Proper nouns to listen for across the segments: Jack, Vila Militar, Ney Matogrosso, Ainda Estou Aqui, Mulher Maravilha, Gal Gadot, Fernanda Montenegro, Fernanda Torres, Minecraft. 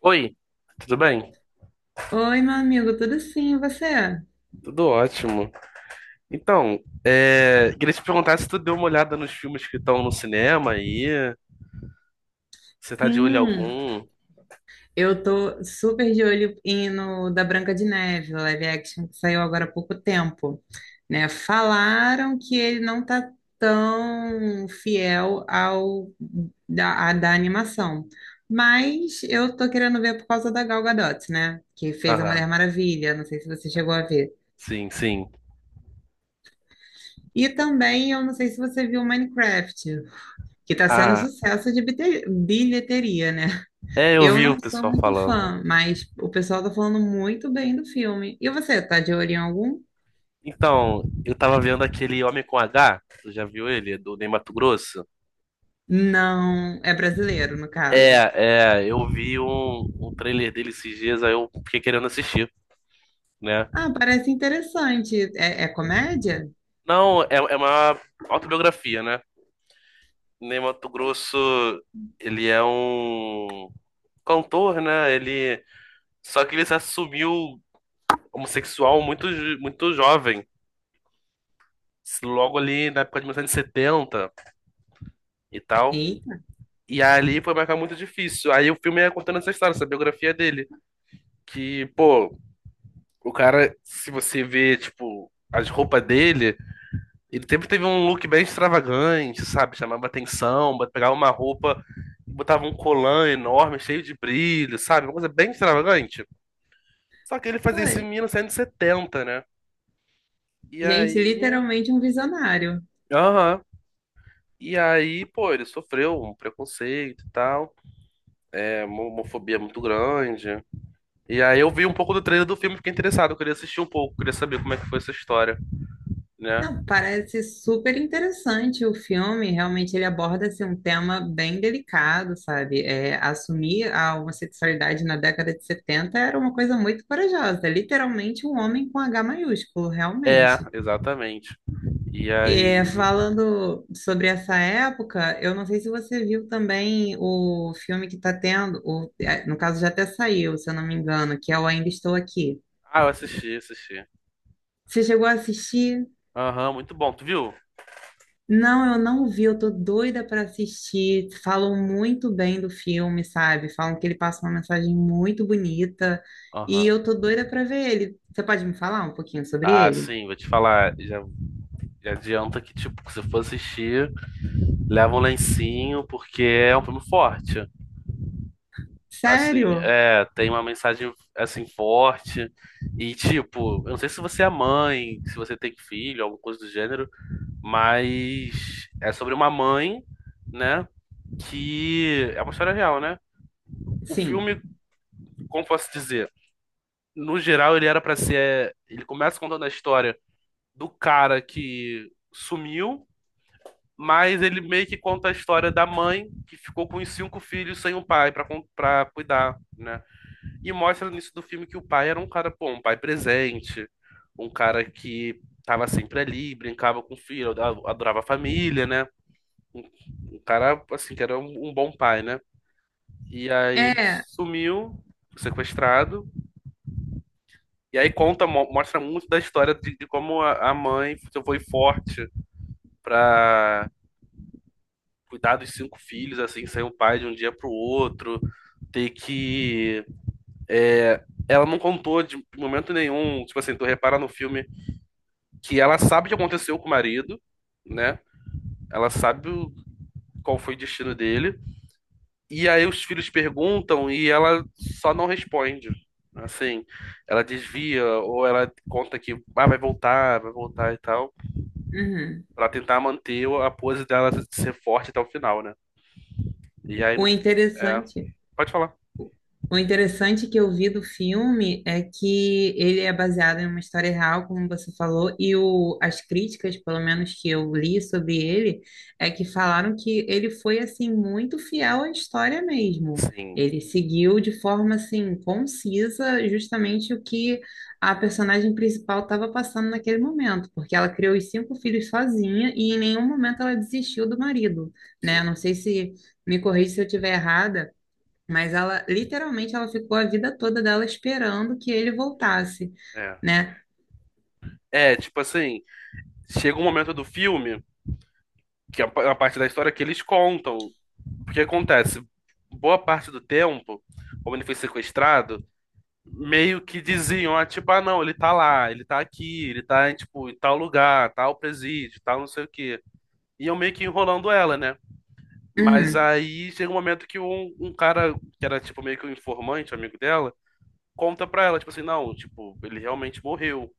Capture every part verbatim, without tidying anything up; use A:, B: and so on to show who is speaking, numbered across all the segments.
A: Oi, tudo bem?
B: Oi, meu amigo, tudo sim, e você?
A: Tudo ótimo. Então, é, queria te perguntar se tu deu uma olhada nos filmes que estão no cinema aí. Você tá de olho em
B: Sim,
A: algum?
B: eu tô super de olho em- no da Branca de Neve, o live action que saiu agora há pouco tempo, né? Falaram que ele não tá tão fiel ao da, a- da animação, mas eu tô querendo ver por causa da Gal Gadot, né? Que fez a Mulher
A: Aham,
B: Maravilha, não sei se você chegou a ver.
A: sim, sim.
B: E também, eu não sei se você viu Minecraft, que tá sendo
A: Ah,
B: sucesso de bite- bilheteria, né?
A: é, eu
B: Eu
A: vi
B: não
A: o
B: sou
A: pessoal
B: muito
A: falando.
B: fã, mas o pessoal tá falando muito bem do filme. E você, tá de olho em algum?
A: Então, eu tava vendo aquele Homem com H, tu já viu ele? Do Ney Matogrosso?
B: Não, é brasileiro, no caso.
A: É, é, eu vi um, um trailer dele esses dias, aí eu fiquei querendo assistir, né?
B: Ah, parece interessante. É, é comédia?
A: Não, é, é uma autobiografia, né? Ney Mato Grosso, ele é um cantor, né? Ele só que ele se assumiu homossexual muito jo- muito jovem, logo ali na época de mil novecentos e setenta e setenta e tal.
B: Eita,
A: E ali foi marcar muito difícil. Aí o filme é contando essa história, essa biografia dele, que, pô, o cara, se você vê, tipo, as roupas dele. Ele sempre teve um look bem extravagante, sabe? Chamava atenção, bot- pegava uma roupa, botava um colã enorme, cheio de brilho, sabe? Uma coisa bem extravagante. Só que ele fazia isso em
B: foi.
A: mil novecentos e setenta, né? E
B: Gente,
A: aí.
B: literalmente um visionário.
A: Aham. E aí, pô, ele sofreu um preconceito e tal. É, uma homofobia muito grande. E aí eu vi um pouco do trailer do filme, fiquei interessado, eu queria assistir um pouco, queria saber como é que foi essa história, né?
B: Não, parece super interessante o filme. Realmente ele aborda assim, um tema bem delicado, sabe? É, assumir a homossexualidade na década de setenta era uma coisa muito corajosa. Literalmente um homem com H maiúsculo,
A: É,
B: realmente.
A: exatamente. E
B: É,
A: aí.
B: falando sobre essa época, eu não sei se você viu também o filme que está tendo, o- é, no caso já até saiu, se eu não me engano, que é o Ainda Estou Aqui.
A: Ah, eu assisti, assisti.
B: Você chegou a assistir?
A: Aham, muito bom. Tu viu?
B: Não, eu não vi, eu tô doida para assistir. Falam muito bem do filme, sabe? Falam que ele passa uma mensagem muito bonita e
A: Aham.
B: eu tô doida para ver ele. Você pode me falar um pouquinho sobre
A: Ah,
B: ele?
A: sim, vou te falar. Já, já adianta que, tipo, se for assistir, leva um lencinho, porque é um filme forte. Assim,
B: Sério?
A: é, tem uma mensagem, assim, forte. E, tipo, eu não sei se você é mãe, se você tem filho, alguma coisa do gênero, mas é sobre uma mãe, né? Que é uma história real, né? O
B: Sim.
A: filme, como posso dizer? No geral, ele era pra ser. Ele começa contando a história do cara que sumiu, mas ele meio que conta a história da mãe que ficou com os cinco filhos sem o pai pra con- pra cuidar, né? E mostra no início do filme que o pai era um cara, pô, um pai presente, um cara que tava sempre ali, brincava com o filho, ad- adorava a família, né? Um, um cara, assim, que era um, um bom pai, né? E aí ele
B: É.
A: sumiu, sequestrado, e aí conta, mo- mostra muito da história de, de como a, a mãe foi forte pra cuidar dos cinco filhos, assim, ser o pai de um dia pro outro, ter que. Ela não contou de momento nenhum, tipo assim, tu repara no filme que ela sabe o que aconteceu com o marido, né? Ela sabe o- qual foi o destino dele. E aí os filhos perguntam e ela só não responde. Assim, ela desvia ou ela conta que ah, vai voltar, vai voltar e tal,
B: Uhum.
A: pra tentar manter a pose dela ser forte até o final, né? E aí no.
B: O
A: É.
B: interessante.
A: Pode falar.
B: O interessante que eu vi do filme é que ele é baseado em uma história real, como você falou, e o, as críticas, pelo menos que eu li sobre ele, é que falaram que ele foi assim muito fiel à história mesmo.
A: Sim,
B: Ele seguiu de forma assim concisa justamente o que a personagem principal estava passando naquele momento, porque ela criou os cinco filhos sozinha e em nenhum momento ela desistiu do marido, né?
A: sim.
B: Não sei se me corrija se eu estiver errada, mas ela, literalmente, ela ficou a vida toda dela esperando que ele voltasse,
A: É.
B: né?
A: É, tipo assim, chega um momento do filme, que é uma parte da história que eles contam. O que acontece? Boa parte do tempo, como ele foi sequestrado, meio que diziam, ah, tipo, ah, não, ele tá lá, ele tá aqui, ele tá, em, tipo, em tal lugar, tal presídio, tal não sei o quê. E eu meio que enrolando ela, né? Mas
B: Uhum.
A: aí chega um momento que um, um cara, que era, tipo, meio que um informante, um amigo dela, conta pra ela, tipo assim, não, tipo, ele realmente morreu.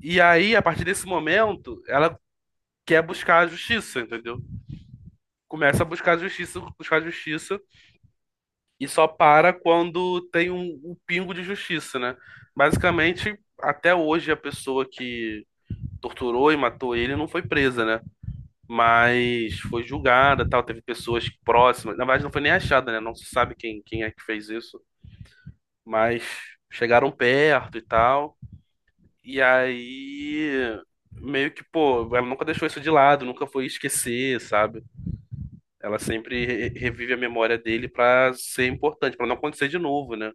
A: E aí, a partir desse momento, ela que é buscar a justiça, entendeu? Começa a buscar a justiça, buscar a justiça e só para quando tem um, um pingo de justiça, né? Basicamente, até hoje a pessoa que torturou e matou ele não foi presa, né? Mas foi julgada, tal, teve pessoas próximas. Na verdade, não foi nem achada, né? Não se sabe quem, quem é que fez isso, mas chegaram perto e tal. E aí meio que, pô, ela nunca deixou isso de lado, nunca foi esquecer, sabe? Ela sempre re- revive a memória dele pra ser importante, pra não acontecer de novo, né?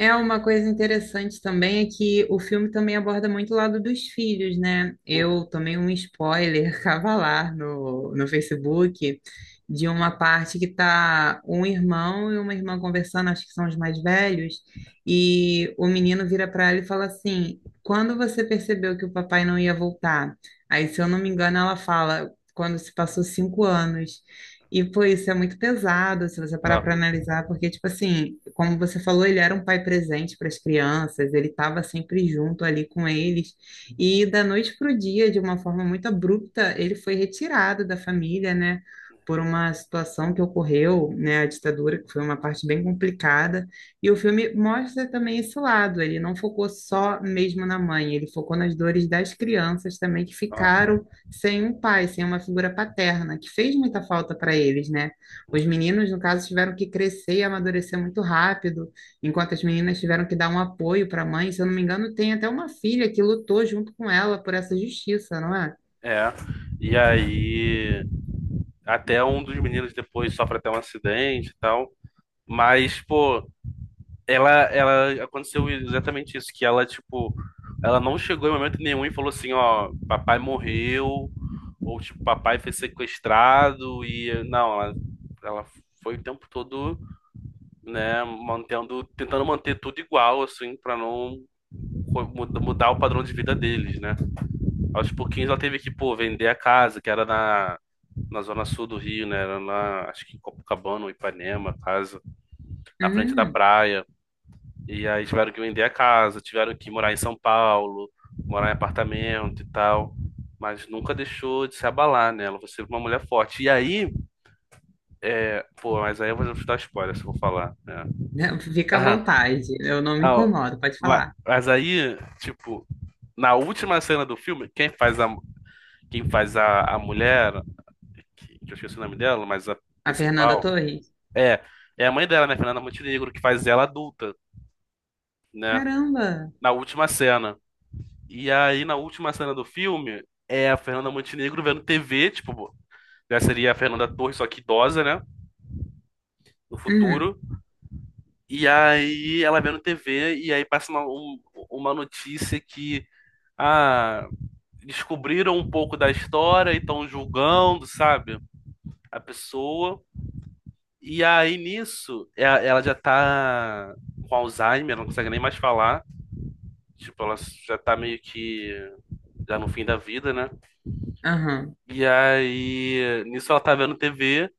B: É uma coisa interessante também é que o filme também aborda muito o lado dos filhos, né? Eu
A: Uhum.
B: tomei um spoiler cavalar no, no Facebook de uma parte que tá um irmão e uma irmã conversando, acho que são os mais velhos, e o menino vira para ela e fala assim: "Quando você percebeu que o papai não ia voltar?" Aí, se eu não me engano, ela fala: "Quando se passou cinco anos." E, pô, isso é muito pesado, se você parar
A: Ah,
B: para analisar, porque, tipo assim, como você falou, ele era um pai presente para as crianças, ele estava sempre junto ali com eles, e da noite para o dia, de uma forma muito abrupta, ele foi retirado da família, né, por uma situação que ocorreu, né, a ditadura, que foi uma parte bem complicada, e o filme mostra também esse lado, ele não focou só mesmo na mãe, ele focou nas dores das crianças também que
A: ah,
B: ficaram sem um pai, sem uma figura paterna, que fez muita falta para eles, né? Os meninos, no caso, tiveram que crescer e amadurecer muito rápido, enquanto as meninas tiveram que dar um apoio para a mãe. Se eu não me engano, tem até uma filha que lutou junto com ela por essa justiça, não é?
A: é. E aí, até um dos meninos depois sofre até um acidente e tal. Mas, pô, ela, ela aconteceu exatamente isso, que ela, tipo, ela não chegou em momento nenhum e falou assim, ó, papai morreu, ou tipo, papai foi sequestrado, e não, ela, ela foi o tempo todo, né, mantendo, tentando manter tudo igual, assim, pra não mudar o padrão de vida deles, né? Aos pouquinhos ela teve que, pô, vender a casa, que era na, na zona sul do Rio, né? Era na, acho que em Copacabana ou Ipanema, a casa, na frente da
B: Hum,
A: praia. E aí tiveram que vender a casa, tiveram que morar em São Paulo, morar em apartamento e tal. Mas nunca deixou de se abalar, né? Ela foi sempre uma mulher forte. E aí, pô, mas aí eu vou te dar spoiler se eu vou falar, né?
B: né? Fica à
A: Ah,
B: vontade, eu não me
A: ah, ó.
B: incomodo, pode
A: Ma-
B: falar.
A: Mas aí, tipo, na última cena do filme, quem faz a, quem faz a, a mulher, que, que eu esqueci o nome dela, mas a
B: A Fernanda
A: principal,
B: Torres.
A: é, é a mãe dela, né, Fernanda Montenegro, que faz ela adulta, né,
B: Caramba!
A: na última cena. E aí, na última cena do filme, é a Fernanda Montenegro vendo tê vê, tipo, já seria a Fernanda Torres, só que idosa, né, no
B: Hum,
A: futuro. E aí, ela vendo tê vê, e aí passa uma, um- uma notícia que, ah, descobriram um pouco da história e estão julgando, sabe, a pessoa. E aí nisso, e- ela já tá com Alzheimer, não consegue nem mais falar. Tipo, ela já tá meio que já no fim da vida, né?
B: aham.
A: E aí nisso ela tá vendo tê vê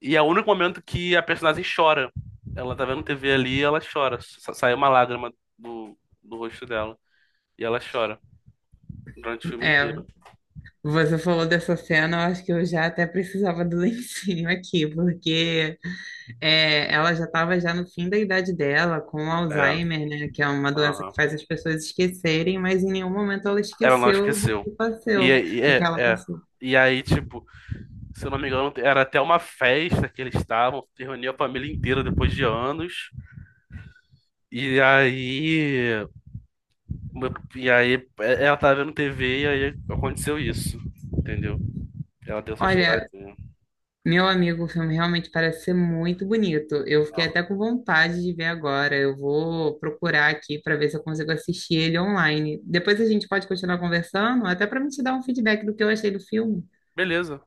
A: e é o único momento que a personagem chora. Ela tá vendo tê vê ali e ela chora. Sa- Sai uma lágrima do, do rosto dela e ela chora durante o filme
B: É,
A: inteiro.
B: você falou dessa cena, eu acho que eu já até precisava do lencinho aqui, porque é, ela já estava já no fim da idade dela, com
A: É,
B: Alzheimer, né, que é uma doença que
A: aham.
B: faz as pessoas esquecerem, mas em nenhum momento ela
A: Ela não
B: esqueceu do
A: esqueceu.
B: que
A: E,
B: passou,
A: aí-
B: do que
A: é,
B: ela
A: é.
B: passou.
A: E aí, tipo, se eu não me engano, era até uma festa que eles estavam, que reuniu a família inteira depois de anos. E aí, e aí é, ela tava vendo tê vê e aí aconteceu isso, entendeu? Ela deu essa
B: Olha,
A: choradinha.
B: meu amigo, o filme realmente parece ser muito bonito. Eu fiquei
A: Ah,
B: até com vontade de ver agora. Eu vou procurar aqui para ver se eu consigo assistir ele online. Depois a gente pode continuar conversando, até para me te dar um feedback do que eu achei do filme.
A: beleza,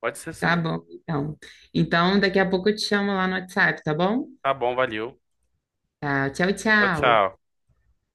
A: pode ser
B: Tá
A: sim.
B: bom, então. Então, daqui a pouco eu te chamo lá no WhatsApp, tá bom?
A: Tá bom, valeu.
B: Tá, tchau,
A: Tchau,
B: tchau.
A: tchau.